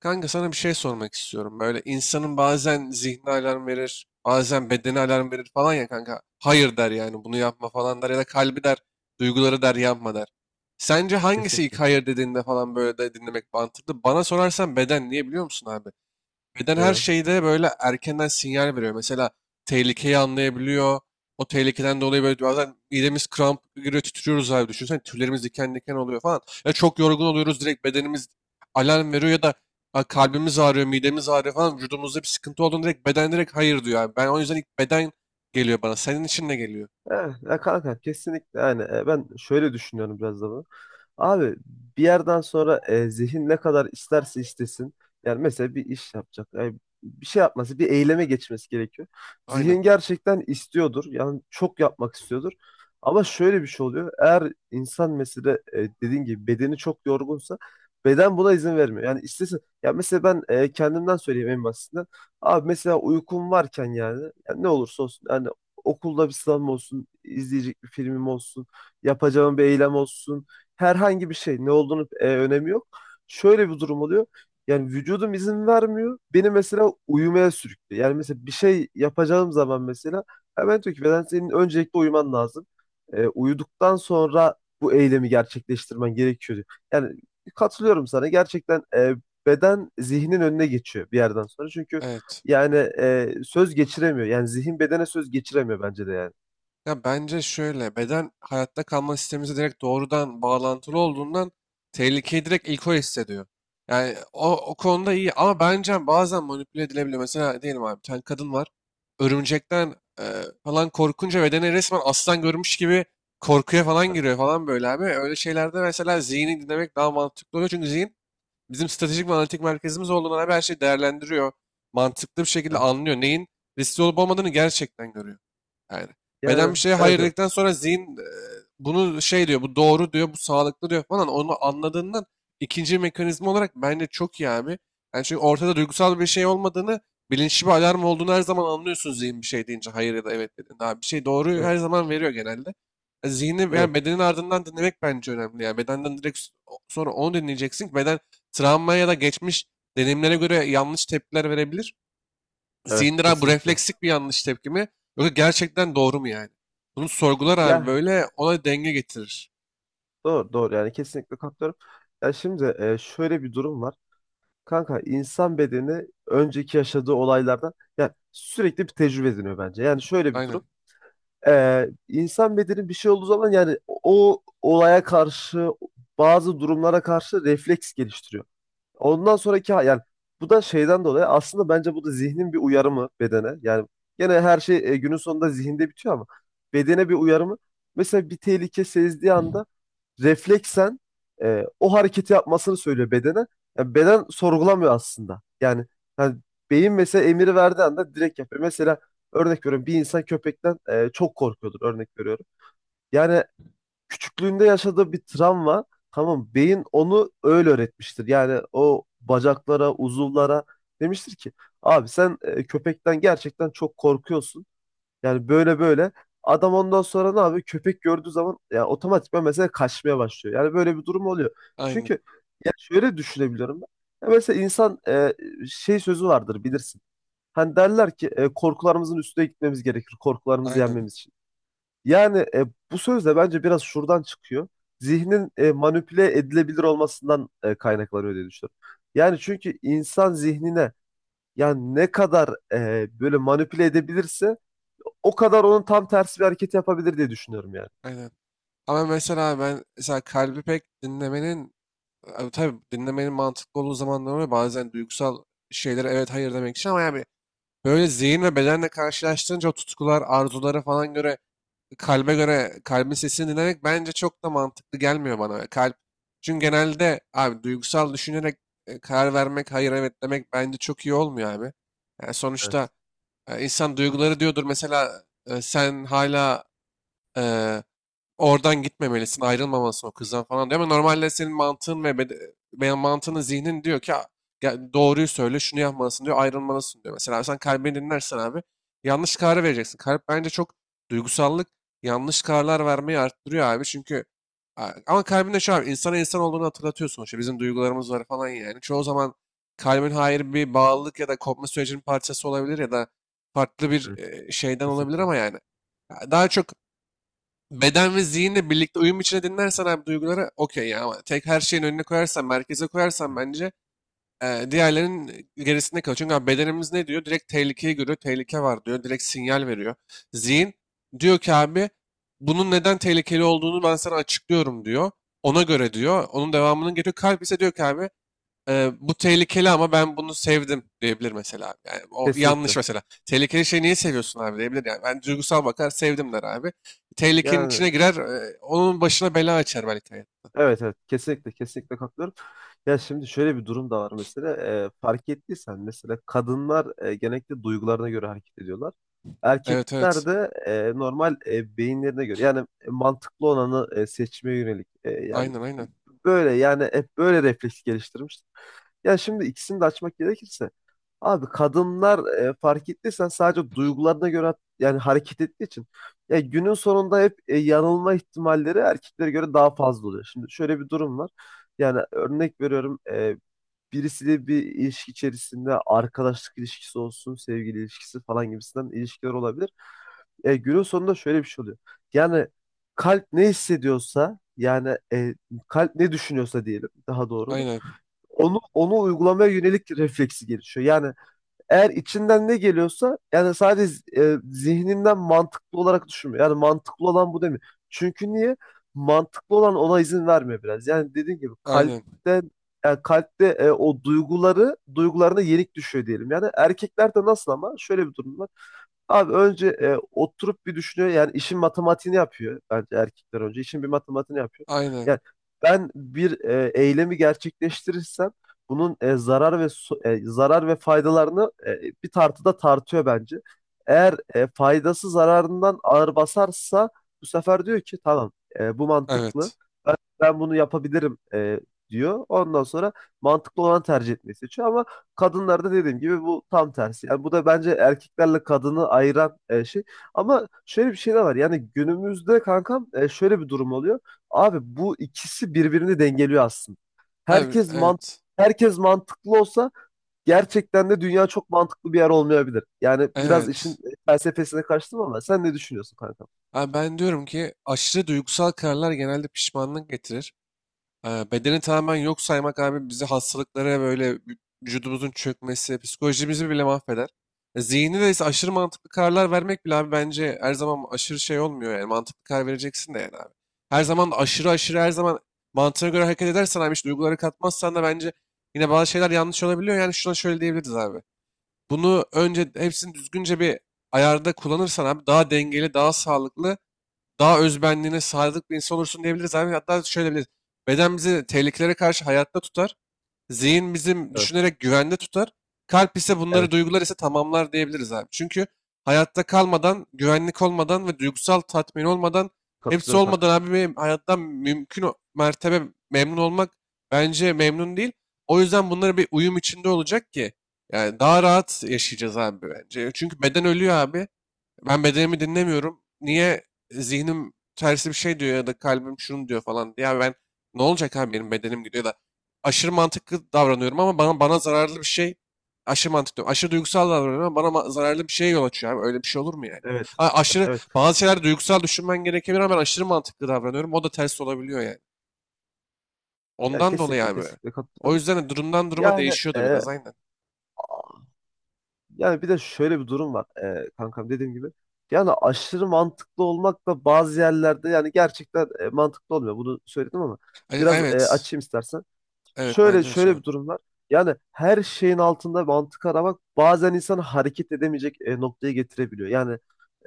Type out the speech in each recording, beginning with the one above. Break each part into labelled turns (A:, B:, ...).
A: Kanka sana bir şey sormak istiyorum. Böyle insanın bazen zihni alarm verir, bazen bedeni alarm verir falan ya kanka. Hayır der yani bunu yapma falan der ya da kalbi der, duyguları der yapma der. Sence hangisi
B: Kesinlikle.
A: ilk hayır dediğinde falan böyle de dinlemek mantıklı? Bana sorarsan beden, niye biliyor musun abi? Beden her
B: Neden?
A: şeyde böyle erkenden sinyal veriyor. Mesela tehlikeyi anlayabiliyor. O tehlikeden dolayı böyle bazen midemiz kramp giriyor, titriyoruz abi. Düşünsene tüylerimiz diken diken oluyor falan. Ya çok yorgun oluyoruz, direkt bedenimiz alarm veriyor ya da "Aa, kalbimiz ağrıyor, midemiz ağrıyor" falan. Vücudumuzda bir sıkıntı olduğunda direkt beden direkt hayır diyor abi. Ben o yüzden ilk beden geliyor bana. Senin için ne geliyor?
B: Evet, ya kanka kesinlikle yani ben şöyle düşünüyorum biraz da bunu. Abi bir yerden sonra zihin ne kadar isterse istesin. Yani mesela bir iş yapacak. Yani bir şey yapması, bir eyleme geçmesi gerekiyor.
A: Aynen.
B: Zihin gerçekten istiyordur. Yani çok yapmak istiyordur. Ama şöyle bir şey oluyor. Eğer insan mesela dediğin gibi bedeni çok yorgunsa beden buna izin vermiyor. Yani istesin. Ya mesela ben kendimden söyleyeyim en basitinden. Abi mesela uykum varken yani, yani ne olursa olsun yani okulda bir sınavım olsun, izleyecek bir filmim olsun, yapacağım bir eylem olsun herhangi bir şey ne olduğunu önemi yok. Şöyle bir durum oluyor. Yani vücudum izin vermiyor. Beni mesela uyumaya sürüklüyor. Yani mesela bir şey yapacağım zaman mesela hemen diyor ki beden senin öncelikle uyuman lazım. Uyuduktan sonra bu eylemi gerçekleştirmen gerekiyor diyor. Yani katılıyorum sana. Gerçekten beden zihnin önüne geçiyor bir yerden sonra. Çünkü
A: Evet.
B: yani söz geçiremiyor. Yani zihin bedene söz geçiremiyor bence de yani.
A: Ya bence şöyle, beden hayatta kalma sistemimize direkt doğrudan bağlantılı olduğundan tehlikeyi direkt ilk o hissediyor. Yani o, o konuda iyi ama bence bazen manipüle edilebiliyor. Mesela diyelim abi bir tane kadın var. Örümcekten e, falan korkunca bedene resmen aslan görmüş gibi korkuya falan giriyor
B: Evet,
A: falan böyle abi. Öyle şeylerde mesela zihni dinlemek daha mantıklı oluyor. Çünkü zihin bizim stratejik ve analitik merkezimiz olduğundan abi her şeyi değerlendiriyor. Mantıklı bir şekilde
B: evet.
A: anlıyor. Neyin riskli olup olmadığını gerçekten görüyor. Yani beden bir
B: Yani
A: şeye hayır
B: evet, evet,
A: dedikten sonra zihin bunu şey diyor, bu doğru diyor, bu sağlıklı diyor falan. Onu anladığından ikinci mekanizma olarak bence çok iyi abi. Yani çünkü ortada duygusal bir şey olmadığını, bilinçli bir alarm olduğunu her zaman anlıyorsun zihin bir şey deyince, hayır ya da evet dediğinde. Abi bir şey doğruyu
B: evet,
A: her zaman veriyor genelde. Zihni
B: evet,
A: yani bedenin ardından dinlemek bence önemli. Yani bedenden direkt sonra onu dinleyeceksin. Ki beden travma ya da geçmiş deneyimlere göre yanlış tepkiler verebilir.
B: evet,
A: Zihindir abi, bu
B: kesinlikle.
A: refleksik bir yanlış tepki mi? Yoksa gerçekten doğru mu yani? Bunu sorgular abi,
B: Ya
A: böyle ona denge getirir.
B: doğru, doğru yani kesinlikle katılıyorum. Ya şimdi şöyle bir durum var. Kanka insan bedeni önceki yaşadığı olaylardan yani sürekli bir tecrübe ediniyor bence. Yani şöyle bir
A: Aynen,
B: durum. İnsan bedeni bir şey olduğu zaman yani o olaya karşı bazı durumlara karşı refleks geliştiriyor. Ondan sonraki yani bu da şeyden dolayı aslında bence bu da zihnin bir uyarımı bedene. Yani gene her şey günün sonunda zihinde bitiyor ama bedene bir uyarımı. Mesela bir tehlike sezdiği anda refleksen o hareketi yapmasını söylüyor bedene. Yani beden sorgulamıyor aslında. Yani, yani beyin mesela emiri verdiği anda direkt yapıyor. Mesela örnek veriyorum bir insan köpekten çok korkuyordur örnek veriyorum. Yani küçüklüğünde yaşadığı bir travma tamam beyin onu öyle öğretmiştir. Yani o bacaklara, uzuvlara demiştir ki abi sen köpekten gerçekten çok korkuyorsun. Yani böyle böyle adam ondan sonra ne yapıyor? Köpek gördüğü zaman ya otomatikman mesela kaçmaya başlıyor. Yani böyle bir durum oluyor.
A: aynen,
B: Çünkü ya şöyle düşünebiliyorum ben. Ya mesela insan şey sözü vardır bilirsin. Hani derler ki korkularımızın üstüne gitmemiz gerekir. Korkularımızı
A: aynen.
B: yenmemiz için. Yani bu söz de bence biraz şuradan çıkıyor. Zihnin manipüle edilebilir olmasından kaynaklanıyor diye düşünüyorum. Yani çünkü insan zihnine yani ne kadar böyle manipüle edebilirse o kadar onun tam tersi bir hareket yapabilir diye düşünüyorum yani.
A: Aynen. Ama mesela ben mesela kalbi pek dinlemenin tabii dinlemenin mantıklı olduğu zamanlar oluyor. Bazen duygusal şeylere evet hayır demek için ama yani böyle zihin ve bedenle karşılaştırınca o tutkular, arzulara falan göre, kalbe göre, kalbin sesini dinlemek bence çok da mantıklı gelmiyor bana. Kalp, çünkü genelde abi duygusal düşünerek karar vermek, hayır evet demek bence çok iyi olmuyor abi. Yani sonuçta
B: Evet,
A: insan duyguları diyordur mesela, sen hala e, oradan gitmemelisin, ayrılmamalısın o kızdan falan diyor. Ama normalde senin mantığın ve veya mantığının zihnin diyor ki "Aa, ya doğruyu söyle, şunu yapmalısın" diyor, ayrılmalısın diyor. Mesela sen kalbini dinlersen abi yanlış kararı vereceksin. Kalp bence çok duygusallık yanlış kararlar vermeyi arttırıyor abi. Çünkü ama kalbinde şu abi, insana insan olduğunu hatırlatıyor sonuçta. Bizim duygularımız var falan yani. Çoğu zaman kalbin hayır bir bağlılık ya da kopma sürecinin parçası olabilir ya da farklı bir
B: evet,
A: şeyden olabilir
B: kesinlikle.
A: ama yani. Ya daha çok beden ve zihinle birlikte uyum içine dinlersen abi duyguları okey ya, ama tek her şeyin önüne koyarsan, merkeze koyarsan
B: Evet.
A: bence diğerlerinin gerisinde kalıyor. Çünkü abi bedenimiz ne diyor? Direkt tehlikeyi görüyor, tehlike var diyor, direkt sinyal veriyor. Zihin diyor ki abi bunun neden tehlikeli olduğunu ben sana açıklıyorum diyor. Ona göre diyor, onun devamının geliyor. Kalp ise diyor ki abi bu tehlikeli ama ben bunu sevdim diyebilir mesela. Yani o yanlış
B: Kesinlikle.
A: mesela. Tehlikeli şeyi niye seviyorsun
B: Kesinlikle.
A: abi diyebilir yani. Ben duygusal bakar sevdim der abi. Tehlikenin içine
B: Yani
A: girer, onun başına bela açar belki. Hayat.
B: evet, evet, kesinlikle, kesinlikle katılıyorum. Ya şimdi şöyle bir durum da var mesela. Fark ettiysen mesela kadınlar genellikle duygularına göre hareket ediyorlar.
A: Evet
B: Erkekler
A: evet.
B: de normal beyinlerine göre yani mantıklı olanı seçmeye yönelik. Yani
A: Aynen aynen.
B: böyle yani hep böyle refleks geliştirmiş. Ya şimdi ikisini de açmak gerekirse abi kadınlar fark ettiysen sadece duygularına göre yani hareket ettiği için ya günün sonunda hep yanılma ihtimalleri erkeklere göre daha fazla oluyor. Şimdi şöyle bir durum var. Yani örnek veriyorum birisiyle bir ilişki içerisinde arkadaşlık ilişkisi olsun, sevgili ilişkisi falan gibisinden ilişkiler olabilir. Günün sonunda şöyle bir şey oluyor. Yani kalp ne hissediyorsa yani kalp ne düşünüyorsa diyelim daha doğru olur.
A: Aynen.
B: Onu uygulamaya yönelik refleksi gelişiyor. Yani eğer içinden ne geliyorsa yani sadece zihninden mantıklı olarak düşünme. Yani mantıklı olan bu demiyor. Çünkü niye? Mantıklı olan ona izin vermiyor biraz. Yani dediğim gibi
A: Aynen.
B: kalpte yani kalpte o duyguları duygularına yenik düşüyor diyelim. Yani erkeklerde nasıl ama şöyle bir durum var. Abi önce oturup bir düşünüyor. Yani işin matematiğini yapıyor bence erkekler önce. İşin bir matematiğini yapıyor.
A: Aynen.
B: Yani ben bir eylemi gerçekleştirirsem bunun zarar ve faydalarını bir tartıda tartıyor bence. Eğer faydası zararından ağır basarsa bu sefer diyor ki tamam bu mantıklı
A: Evet.
B: ben bunu yapabilirim diyor. Ondan sonra mantıklı olan tercih etmeyi seçiyor ama kadınlarda dediğim gibi bu tam tersi. Yani bu da bence erkeklerle kadını ayıran şey. Ama şöyle bir şey de var. Yani günümüzde kankam şöyle bir durum oluyor. Abi bu ikisi birbirini dengeliyor aslında.
A: Abi
B: Herkes mant
A: evet.
B: herkes mantıklı olsa gerçekten de dünya çok mantıklı bir yer olmayabilir. Yani biraz işin
A: Evet.
B: felsefesine kaçtım ama sen ne düşünüyorsun kankam?
A: Abi ben diyorum ki aşırı duygusal kararlar genelde pişmanlık getirir. Bedeni tamamen yok saymak abi bizi hastalıklara, böyle vücudumuzun çökmesi, psikolojimizi bile mahveder. Zihni de ise aşırı mantıklı kararlar vermek bile abi bence her zaman aşırı şey olmuyor, yani mantıklı karar vereceksin de yani abi. Her zaman da aşırı aşırı her zaman mantığına göre hareket edersen abi, hiç duyguları katmazsan da bence yine bazı şeyler yanlış olabiliyor. Yani şuna şöyle diyebiliriz abi. Bunu önce hepsini düzgünce bir ayarda kullanırsan abi daha dengeli, daha sağlıklı, daha özbenliğine sadık bir insan olursun diyebiliriz abi. Hatta şöyle diyebiliriz. Beden bizi tehlikelere karşı hayatta tutar. Zihin bizim
B: Evet,
A: düşünerek güvende tutar. Kalp ise bunları,
B: evet.
A: duygular ise tamamlar diyebiliriz abi. Çünkü hayatta kalmadan, güvenlik olmadan ve duygusal tatmin olmadan, hepsi
B: Katılıyorum kanka.
A: olmadan abi bir hayattan mümkün mertebe memnun olmak bence memnun değil. O yüzden bunları bir uyum içinde olacak ki yani daha rahat yaşayacağız abi bence. Çünkü beden ölüyor abi. Ben bedenimi dinlemiyorum. Niye? Zihnim tersi bir şey diyor ya da kalbim şunu diyor falan diye. Ya ben ne olacak abi, benim bedenim gidiyor da aşırı mantıklı davranıyorum ama bana bana zararlı bir şey, aşırı mantıklı diyorum. Aşırı duygusal davranıyorum ama bana zararlı bir şeye yol açıyor abi. Öyle bir şey olur mu yani?
B: Evet,
A: Ha, aşırı
B: evet.
A: bazı şeyler duygusal düşünmen gerekebilir ama ben aşırı mantıklı davranıyorum. O da ters olabiliyor yani.
B: Ya
A: Ondan dolayı
B: kesinlikle,
A: abi.
B: kesinlikle
A: O
B: katılıyorum.
A: yüzden de durumdan duruma
B: Yani
A: değişiyor da biraz, aynen.
B: yani bir de şöyle bir durum var kankam dediğim gibi. Yani aşırı mantıklı olmak da bazı yerlerde yani gerçekten mantıklı olmuyor. Bunu söyledim ama biraz
A: Evet.
B: açayım istersen.
A: Evet,
B: şöyle
A: bence de şu
B: şöyle
A: an.
B: bir durum var. Yani her şeyin altında mantık aramak bazen insanı hareket edemeyecek noktaya getirebiliyor. Yani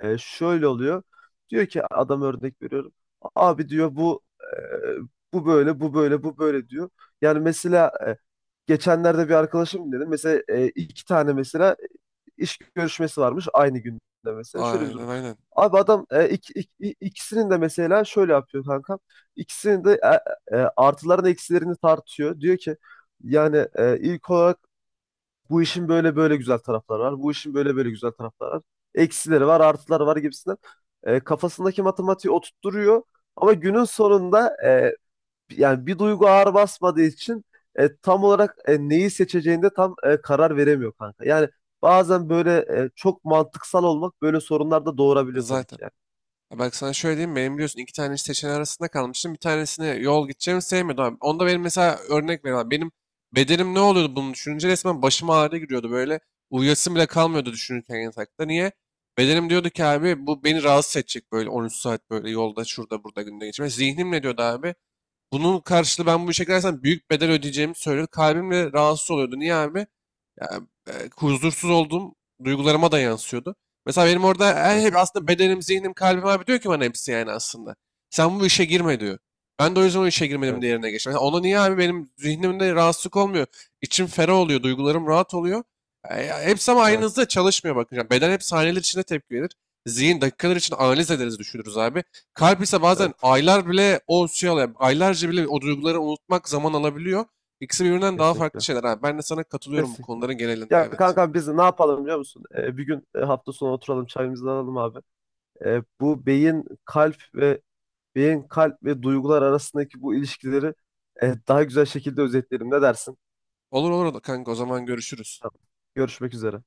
B: şöyle oluyor. Diyor ki adam örnek veriyorum. Abi diyor bu bu böyle bu böyle bu böyle diyor. Yani mesela geçenlerde bir arkadaşım dedi. Mesela iki tane mesela iş görüşmesi varmış aynı günde mesela. Şöyle bir durum.
A: Aynen aynen.
B: Abi adam ikisinin de mesela şöyle yapıyor kanka. İkisinin de artılarını eksilerini tartıyor. Diyor ki yani ilk olarak bu işin böyle böyle güzel tarafları var. Bu işin böyle böyle güzel tarafları var. Eksileri var, artıları var gibisinden. Kafasındaki matematiği oturtturuyor. Ama günün sonunda yani bir duygu ağır basmadığı için tam olarak neyi seçeceğinde tam karar veremiyor kanka. Yani bazen böyle çok mantıksal olmak böyle sorunlar da doğurabiliyor tabii ki
A: Zaten.
B: yani.
A: Ya bak sana şöyle diyeyim, benim biliyorsun iki tane seçeneği arasında kalmıştım. Bir tanesini yol gideceğimi sevmiyordum abi. Onda benim mesela, örnek veriyorum. Benim bedenim ne oluyordu bunu düşününce? Resmen başım ağrı giriyordu böyle. Uyuyasım bile kalmıyordu düşünürken yatakta. Niye? Bedenim diyordu ki abi bu beni rahatsız edecek, böyle 13 saat böyle yolda şurada burada günde geçirmek. Zihnim ne diyordu abi? Bunun karşılığı ben bu işe girersem büyük bedel ödeyeceğimi söylüyordu. Kalbim de rahatsız oluyordu. Niye abi? Ya, huzursuz olduğum duygularıma da yansıyordu. Mesela benim orada her hep
B: Evet,
A: aslında bedenim, zihnim, kalbim abi diyor ki bana hepsi, yani aslında. Sen bu işe girme diyor. Ben de o yüzden o işe girmedim,
B: evet,
A: diğerine geçtim. Mesela ona niye abi benim zihnimde rahatsızlık olmuyor? İçim ferah oluyor, duygularım rahat oluyor. Ya hepsi ama aynı
B: evet,
A: hızda çalışmıyor bakınca. Beden hep saniyeler içinde tepki verir. Zihin dakikalar için analiz ederiz, düşünürüz abi. Kalp ise bazen
B: evet.
A: aylar bile o şey alıyor. Aylarca bile o duyguları unutmak zaman alabiliyor. İkisi birbirinden daha farklı
B: Kesinlikle,
A: şeyler abi. Ben de sana katılıyorum bu
B: kesinlikle.
A: konuların genelinde,
B: Ya
A: evet.
B: kanka biz ne yapalım biliyor musun? Bir gün hafta sonu oturalım çayımızı alalım abi. Bu beyin, kalp ve beyin, kalp ve duygular arasındaki bu ilişkileri daha güzel şekilde özetleyelim. Ne dersin?
A: Olur olur kanka, o zaman görüşürüz.
B: Tamam. Görüşmek üzere.